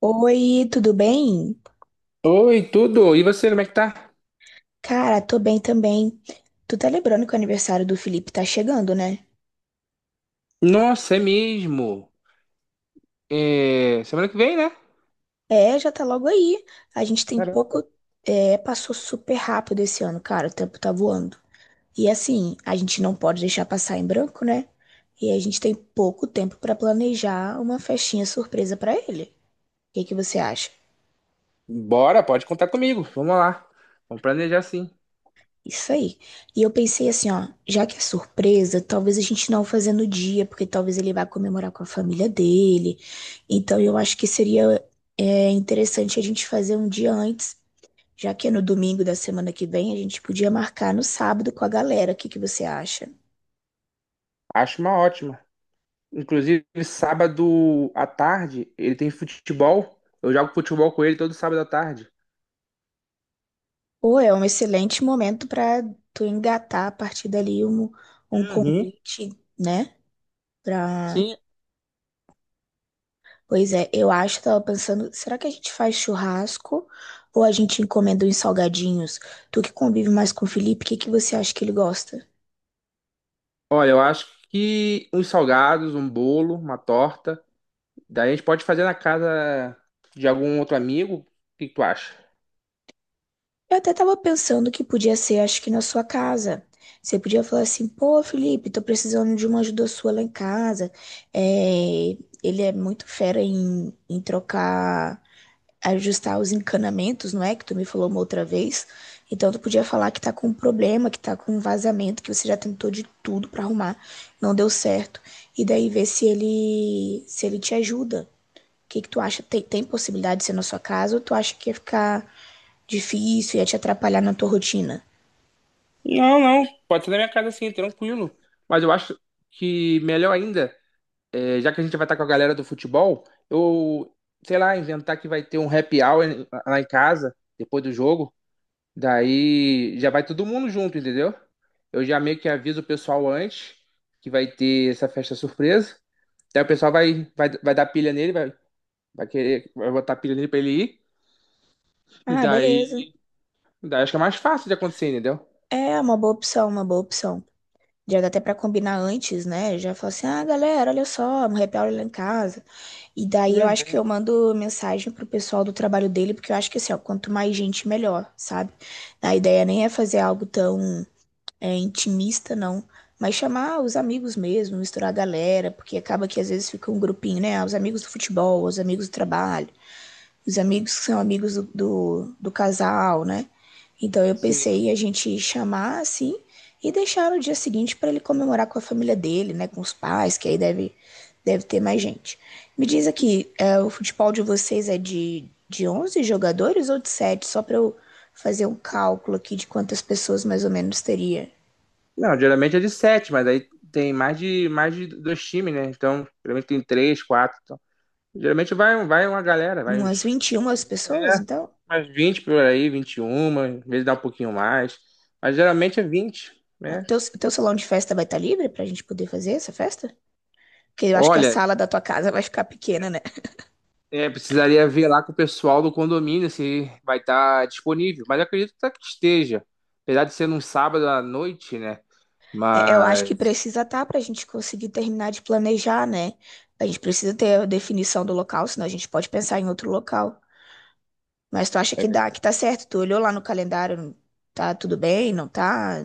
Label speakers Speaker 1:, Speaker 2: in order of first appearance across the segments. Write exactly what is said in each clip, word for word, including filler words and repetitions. Speaker 1: Oi, tudo bem?
Speaker 2: Oi, tudo? E você, como é que tá?
Speaker 1: Cara, tô bem também. Tu tá lembrando que o aniversário do Felipe tá chegando, né?
Speaker 2: Nossa, é mesmo. É, semana que vem, né?
Speaker 1: É, já tá logo aí. A gente tem pouco. É, passou super rápido esse ano, cara. O tempo tá voando. E assim, a gente não pode deixar passar em branco, né? E a gente tem pouco tempo pra planejar uma festinha surpresa pra ele. O que que você acha?
Speaker 2: Bora, pode contar comigo. Vamos lá. Vamos planejar sim.
Speaker 1: Isso aí. E eu pensei assim, ó, já que é surpresa, talvez a gente não fazer no dia, porque talvez ele vá comemorar com a família dele. Então eu acho que seria é, interessante a gente fazer um dia antes, já que é no domingo da semana que vem, a gente podia marcar no sábado com a galera. O que que você acha?
Speaker 2: Acho uma ótima. Inclusive, sábado à tarde, ele tem futebol. Eu jogo futebol com ele todo sábado à tarde.
Speaker 1: Pô, é um excelente momento para tu engatar a partir dali um,
Speaker 2: Uhum.
Speaker 1: né? Pra...
Speaker 2: Sim.
Speaker 1: Pois é, eu acho, tava pensando, será que a gente faz churrasco ou a gente encomenda uns salgadinhos? Tu que convive mais com o Felipe, o que que você acha que ele gosta?
Speaker 2: Olha, eu acho que uns salgados, um bolo, uma torta. Daí a gente pode fazer na casa de algum outro amigo. O que que tu acha?
Speaker 1: Eu até tava pensando que podia ser, acho que na sua casa. Você podia falar assim, pô, Felipe, tô precisando de uma ajuda sua lá em casa. É, ele é muito fera em, em trocar, ajustar os encanamentos, não é? Que tu me falou uma outra vez. Então tu podia falar que tá com um problema, que tá com um vazamento, que você já tentou de tudo pra arrumar, não deu certo. E daí ver se ele se ele te ajuda. O que que tu acha? Tem, tem possibilidade de ser na sua casa ou tu acha que ia ficar difícil, ia te atrapalhar na tua rotina?
Speaker 2: Não, não. Pode ser na minha casa sim, tranquilo. Mas eu acho que melhor ainda, é, já que a gente vai estar com a galera do futebol, eu, sei lá, inventar que vai ter um happy hour em- lá em casa, depois do jogo. Daí já vai todo mundo junto, entendeu? Eu já meio que aviso o pessoal antes que vai ter essa festa surpresa. Daí o pessoal vai, vai, vai dar pilha nele, vai, vai querer, vai botar pilha nele pra ele ir. E
Speaker 1: Ah, beleza.
Speaker 2: daí, daí acho que é mais fácil de acontecer, entendeu?
Speaker 1: É uma boa opção, uma boa opção. Já dá até pra combinar antes, né? Já fala assim, ah, galera, olha só, um happy hour lá em casa. E daí eu acho que eu
Speaker 2: Uhum.
Speaker 1: mando mensagem pro pessoal do trabalho dele, porque eu acho que assim, ó, quanto mais gente, melhor, sabe? A ideia nem é fazer algo tão é, intimista, não. Mas chamar os amigos mesmo, misturar a galera, porque acaba que às vezes fica um grupinho, né? Ah, os amigos do futebol, os amigos do trabalho, os amigos que são amigos do, do, do casal, né? Então eu pensei
Speaker 2: Sim.
Speaker 1: em a gente chamar assim e deixar no dia seguinte para ele comemorar com a família dele, né? Com os pais, que aí deve, deve ter mais gente. Me diz aqui, é, o futebol de vocês é de, de onze jogadores ou de sete? Só para eu fazer um cálculo aqui de quantas pessoas mais ou menos teria.
Speaker 2: Não, geralmente é de sete, mas aí tem mais de, mais de dois times, né? Então, geralmente tem três, quatro. Então. Geralmente vai, vai uma galera, vai
Speaker 1: Umas
Speaker 2: uns,
Speaker 1: vinte e uma pessoas,
Speaker 2: é,
Speaker 1: então?
Speaker 2: mais vinte por aí, vinte e uma, às vezes dá um pouquinho mais. Mas geralmente é vinte.
Speaker 1: Ah,
Speaker 2: Né?
Speaker 1: teu, teu salão de festa vai estar livre para a gente poder fazer essa festa? Porque eu acho que a
Speaker 2: Olha,
Speaker 1: sala da tua casa vai ficar pequena, né?
Speaker 2: é, é, precisaria ver lá com o pessoal do condomínio se vai estar disponível. Mas eu acredito até que esteja. Apesar de ser num sábado à noite, né?
Speaker 1: É, eu acho que
Speaker 2: Mas.
Speaker 1: precisa estar para a gente conseguir terminar de planejar, né? A gente precisa ter a definição do local, senão a gente pode pensar em outro local. Mas tu acha que dá,
Speaker 2: É.
Speaker 1: que tá certo? Tu olhou lá no calendário, tá tudo bem? Não tá?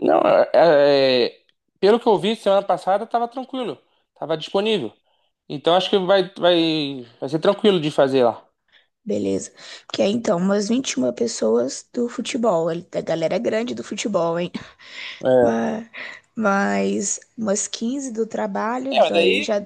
Speaker 2: Não, é- é- pelo que eu vi semana passada, tava tranquilo, tava disponível. Então acho que vai, vai, vai ser tranquilo de fazer lá.
Speaker 1: Beleza. Porque é então umas vinte e uma pessoas do futebol. Ele... A galera é grande do futebol, hein?
Speaker 2: É,
Speaker 1: Mas mas umas quinze do trabalho,
Speaker 2: é mas
Speaker 1: daí
Speaker 2: daí
Speaker 1: já...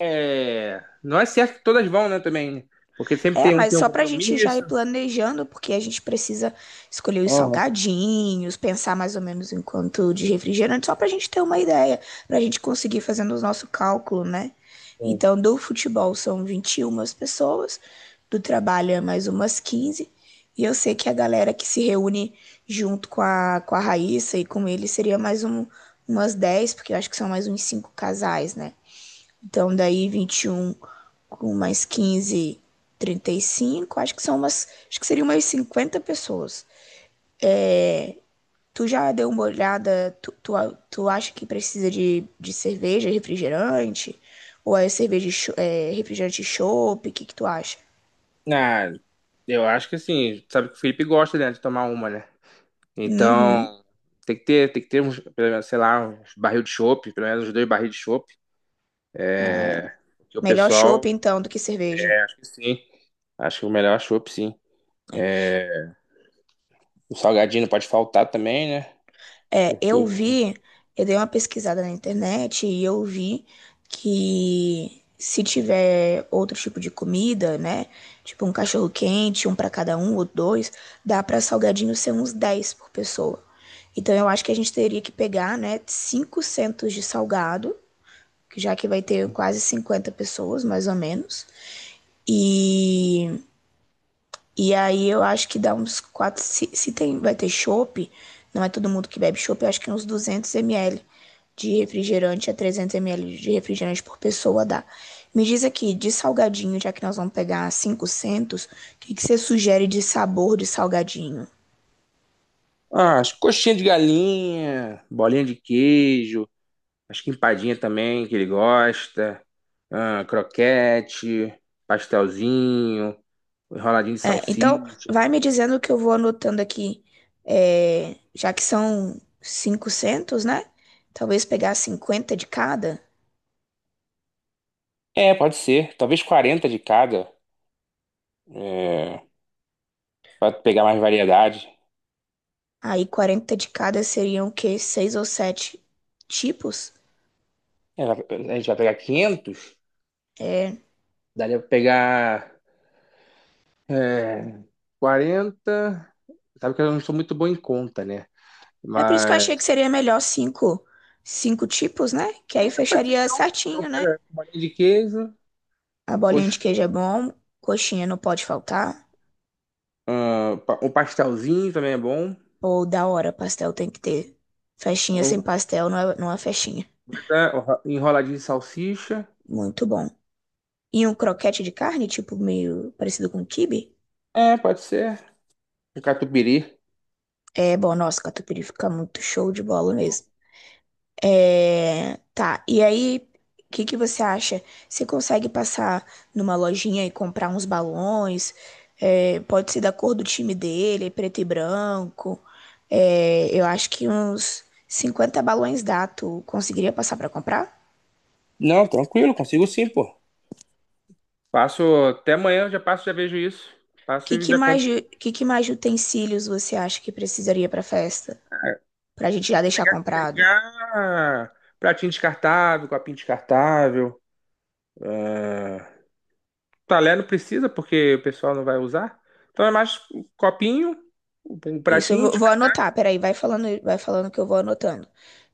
Speaker 2: é, não é certo que todas vão, né, também, né? Porque sempre
Speaker 1: É,
Speaker 2: tem um que
Speaker 1: mas
Speaker 2: tem um
Speaker 1: só pra gente já ir
Speaker 2: compromisso.
Speaker 1: planejando, porque a gente precisa escolher os
Speaker 2: Aham,
Speaker 1: salgadinhos, pensar mais ou menos em quanto de refrigerante, só pra gente ter uma ideia, pra gente conseguir fazendo o nosso cálculo, né?
Speaker 2: sim.
Speaker 1: Então, do futebol são vinte e uma pessoas, do trabalho é mais umas quinze e eu sei que a galera que se reúne junto com a, com a Raíssa e com ele seria mais um, umas dez, porque eu acho que são mais uns cinco casais, né? Então, daí vinte e um com mais quinze, trinta e cinco. Acho que são umas... Acho que seriam umas cinquenta pessoas. É, tu já deu uma olhada? Tu, tu, tu acha que precisa de, de cerveja, refrigerante? Ou é cerveja, e é, refrigerante e chopp? O que que tu acha?
Speaker 2: Ah, eu acho que assim, sabe que o Felipe gosta, né, de tomar uma, né?
Speaker 1: Uhum.
Speaker 2: Então tem que ter, tem que ter uns, pelo menos, sei lá, uns barril de chopp, pelo menos uns dois barris de chopp,
Speaker 1: É,
Speaker 2: que o
Speaker 1: melhor chopp,
Speaker 2: pessoal,
Speaker 1: então, do que cerveja.
Speaker 2: acho que sim, acho que o melhor é chopp, sim. O salgadinho não pode faltar também, né?
Speaker 1: É, eu
Speaker 2: Porque.
Speaker 1: vi, eu dei uma pesquisada na internet e eu vi que se tiver outro tipo de comida, né? Tipo um cachorro quente, um pra cada um ou dois, dá pra salgadinho ser uns dez por pessoa. Então eu acho que a gente teria que pegar, né, cinco centos de salgado, que já que vai ter quase cinquenta pessoas, mais ou menos. E e aí eu acho que dá uns quatro... Se, se tem, vai ter chopp, não é todo mundo que bebe chopp, eu acho que uns duzentos mililitros de refrigerante a trezentos mililitros de refrigerante por pessoa dá. Me diz aqui, de salgadinho, já que nós vamos pegar quinhentos, o que que você sugere de sabor de salgadinho?
Speaker 2: Ah, as coxinhas de galinha, bolinha de queijo, acho que empadinha também, que ele gosta, ah, croquete, pastelzinho, enroladinho de
Speaker 1: É, então,
Speaker 2: salsicha.
Speaker 1: vai me dizendo que eu vou anotando aqui, é, já que são quinhentos, né? Talvez pegar cinquenta de cada.
Speaker 2: É, pode ser. Talvez quarenta de cada, é, para pegar mais variedade.
Speaker 1: Aí quarenta de cada seriam o quê? Seis ou sete tipos?
Speaker 2: É, a gente vai pegar quinhentos.
Speaker 1: É.
Speaker 2: Daria pra pegar, é, quarenta. Sabe que eu não sou muito bom em conta, né?
Speaker 1: É por isso que eu achei que
Speaker 2: Mas
Speaker 1: seria melhor cinco, cinco tipos, né? Que
Speaker 2: é,
Speaker 1: aí
Speaker 2: pode ser
Speaker 1: fecharia
Speaker 2: então. Então
Speaker 1: certinho, né?
Speaker 2: pega bolinha de queijo,
Speaker 1: A bolinha de queijo é
Speaker 2: coxinha,
Speaker 1: bom, coxinha não pode faltar.
Speaker 2: ah, pa- um pastelzinho também é bom.
Speaker 1: Ou da hora, pastel tem que ter. Festinha
Speaker 2: Ou,
Speaker 1: sem pastel não é, não é festinha.
Speaker 2: né, o- enroladinho de salsicha.
Speaker 1: Muito bom. E um croquete de carne, tipo meio parecido com um quibe?
Speaker 2: É, pode ser. Um catupiry.
Speaker 1: É bom, nossa, catupiry fica muito show de bola mesmo. É, tá, e aí, o que que você acha? Você consegue passar numa lojinha e comprar uns balões? É, pode ser da cor do time dele, é preto e branco. É, eu acho que uns cinquenta balões dá. Tu conseguiria passar pra comprar?
Speaker 2: Não, tranquilo, consigo sim, pô. Passo até amanhã, eu já passo, já vejo isso. Passo
Speaker 1: Que
Speaker 2: e
Speaker 1: que
Speaker 2: já
Speaker 1: mais,
Speaker 2: compro.
Speaker 1: de- que que mais de utensílios você acha que precisaria pra festa? Pra gente já deixar
Speaker 2: Pegar,
Speaker 1: comprado?
Speaker 2: pegar pratinho descartável, copinho descartável. Ah, talher não precisa, porque o pessoal não vai usar. Então é mais um copinho, um
Speaker 1: Isso eu
Speaker 2: pratinho
Speaker 1: vou, vou
Speaker 2: descartável.
Speaker 1: anotar, peraí, vai falando, vai falando que eu vou anotando.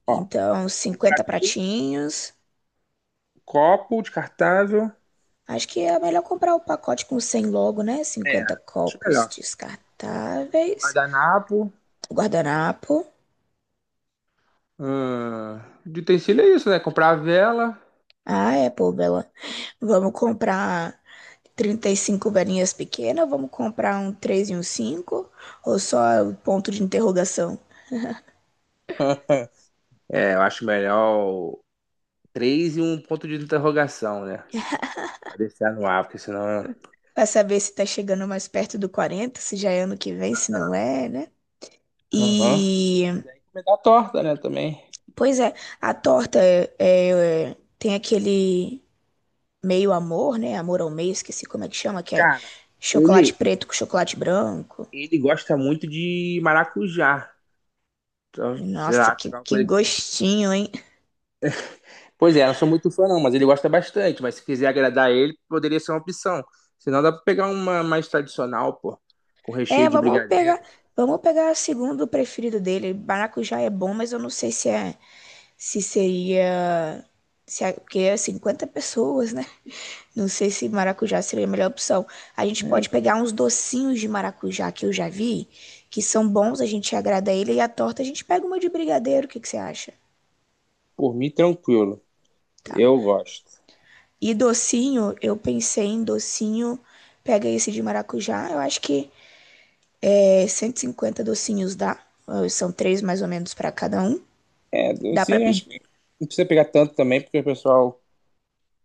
Speaker 2: Ó,
Speaker 1: Então,
Speaker 2: o
Speaker 1: cinquenta
Speaker 2: pratinho.
Speaker 1: pratinhos.
Speaker 2: Copo descartável.
Speaker 1: Acho que é melhor comprar o pacote com cem logo, né?
Speaker 2: É,
Speaker 1: Cinquenta
Speaker 2: acho
Speaker 1: copos
Speaker 2: melhor.
Speaker 1: descartáveis.
Speaker 2: Guardanapo.
Speaker 1: Guardanapo.
Speaker 2: Hum, de utensílio é isso, né? Comprar a vela.
Speaker 1: Ah, é, pô, bela. Vamos comprar trinta e cinco velhinhas pequenas. Vamos comprar um três e um cinco, ou só o ponto de interrogação?
Speaker 2: É, eu acho melhor o três e um ponto de interrogação, né? Pra deixar no ar, porque senão.
Speaker 1: Pra saber se tá chegando mais perto do quarenta, se já é ano que vem, se não é, né?
Speaker 2: Aham.
Speaker 1: E...
Speaker 2: E daí comer a torta, né? Também.
Speaker 1: Pois é, a torta é, é, tem aquele meio amor, né? Amor ao meio, esqueci como é que chama, que é
Speaker 2: Cara,
Speaker 1: chocolate
Speaker 2: ele,
Speaker 1: preto com chocolate branco.
Speaker 2: ele gosta muito de maracujá. Então, sei
Speaker 1: Nossa,
Speaker 2: lá,
Speaker 1: que,
Speaker 2: pegar uma
Speaker 1: que
Speaker 2: coisa.
Speaker 1: gostinho, hein?
Speaker 2: Pois é, não sou muito fã não, mas ele gosta bastante. Mas se quiser agradar ele, poderia ser uma opção. Senão dá pra pegar uma mais tradicional, pô. Com recheio
Speaker 1: É,
Speaker 2: de
Speaker 1: vamos
Speaker 2: brigadeiro.
Speaker 1: pegar, vamos pegar o segundo preferido dele. Maracujá é bom, mas eu não sei se é se seria se é, porque é cinquenta pessoas, né? Não sei se maracujá seria a melhor opção. A gente pode
Speaker 2: É,
Speaker 1: pegar uns docinhos de maracujá que eu já vi, que são bons, a gente agrada ele e a torta a gente pega uma de brigadeiro, o que que você acha?
Speaker 2: por mim, tranquilo.
Speaker 1: Tá.
Speaker 2: Eu gosto.
Speaker 1: E docinho, eu pensei em docinho. Pega esse de maracujá, eu acho que é cento e cinquenta docinhos dá. Eh, são três mais ou menos para cada um.
Speaker 2: É, eu
Speaker 1: Dá para
Speaker 2: sim,
Speaker 1: pedir.
Speaker 2: acho que não precisa pegar tanto também, porque o pessoal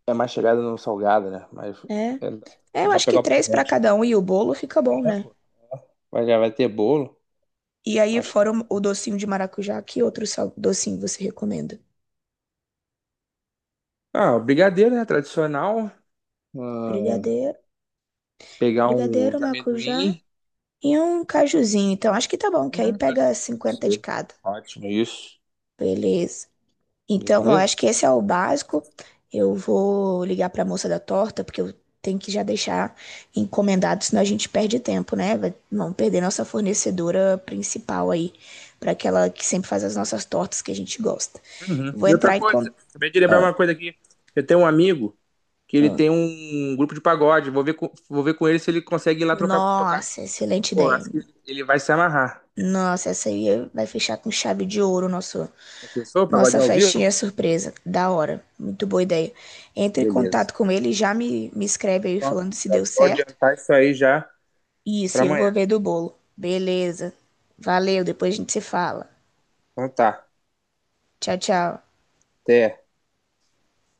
Speaker 2: é mais chegado no salgado, né? Mas
Speaker 1: É.
Speaker 2: é, dá
Speaker 1: É, eu
Speaker 2: pra
Speaker 1: acho
Speaker 2: pegar
Speaker 1: que
Speaker 2: um pouco
Speaker 1: três para
Speaker 2: menos.
Speaker 1: cada um e o bolo fica bom,
Speaker 2: É,
Speaker 1: né?
Speaker 2: pô. Mas já vai ter bolo,
Speaker 1: E aí,
Speaker 2: acho.
Speaker 1: fora o o docinho de maracujá, que outro sal- docinho você recomenda?
Speaker 2: Ah, o brigadeiro, né? Tradicional. Ah,
Speaker 1: Brigadeiro,
Speaker 2: pegar um
Speaker 1: brigadeiro,
Speaker 2: de
Speaker 1: maracujá
Speaker 2: amendoim.
Speaker 1: e um cajuzinho. Então, acho que tá bom, que aí
Speaker 2: Hum, Pode
Speaker 1: pega
Speaker 2: ser, pode
Speaker 1: cinquenta de
Speaker 2: ser.
Speaker 1: cada.
Speaker 2: Ótimo, isso.
Speaker 1: Beleza. Então, eu acho
Speaker 2: Beleza.
Speaker 1: que esse é o básico. Eu vou ligar para a moça da torta, porque eu tenho que já deixar encomendado, senão a gente perde tempo, né? Vai- Vamos perder nossa fornecedora principal aí, para aquela que sempre faz as nossas tortas que a gente gosta.
Speaker 2: Uhum.
Speaker 1: Vou
Speaker 2: E outra
Speaker 1: entrar em
Speaker 2: coisa,
Speaker 1: contato.
Speaker 2: acabei de lembrar uma coisa aqui. Eu tenho um amigo que ele tem um um grupo de pagode. Vou ver com, vou ver com ele se ele consegue ir lá trocar, tocar.
Speaker 1: Nossa, excelente
Speaker 2: Pô,
Speaker 1: ideia.
Speaker 2: acho que ele vai se amarrar.
Speaker 1: Nossa, essa aí vai fechar com chave de ouro nosso,
Speaker 2: Já pensou?
Speaker 1: nossa
Speaker 2: Pagodinho ao vivo?
Speaker 1: festinha surpresa. Da hora. Muito boa ideia. Entre em
Speaker 2: Beleza.
Speaker 1: contato com ele e já me, me escreve aí
Speaker 2: Então, ó,
Speaker 1: falando se
Speaker 2: já
Speaker 1: deu
Speaker 2: vou
Speaker 1: certo.
Speaker 2: adiantar isso aí já pra
Speaker 1: Isso, eu vou
Speaker 2: amanhã.
Speaker 1: ver do bolo. Beleza. Valeu, depois a gente se fala.
Speaker 2: Então tá.
Speaker 1: Tchau, tchau.
Speaker 2: Até.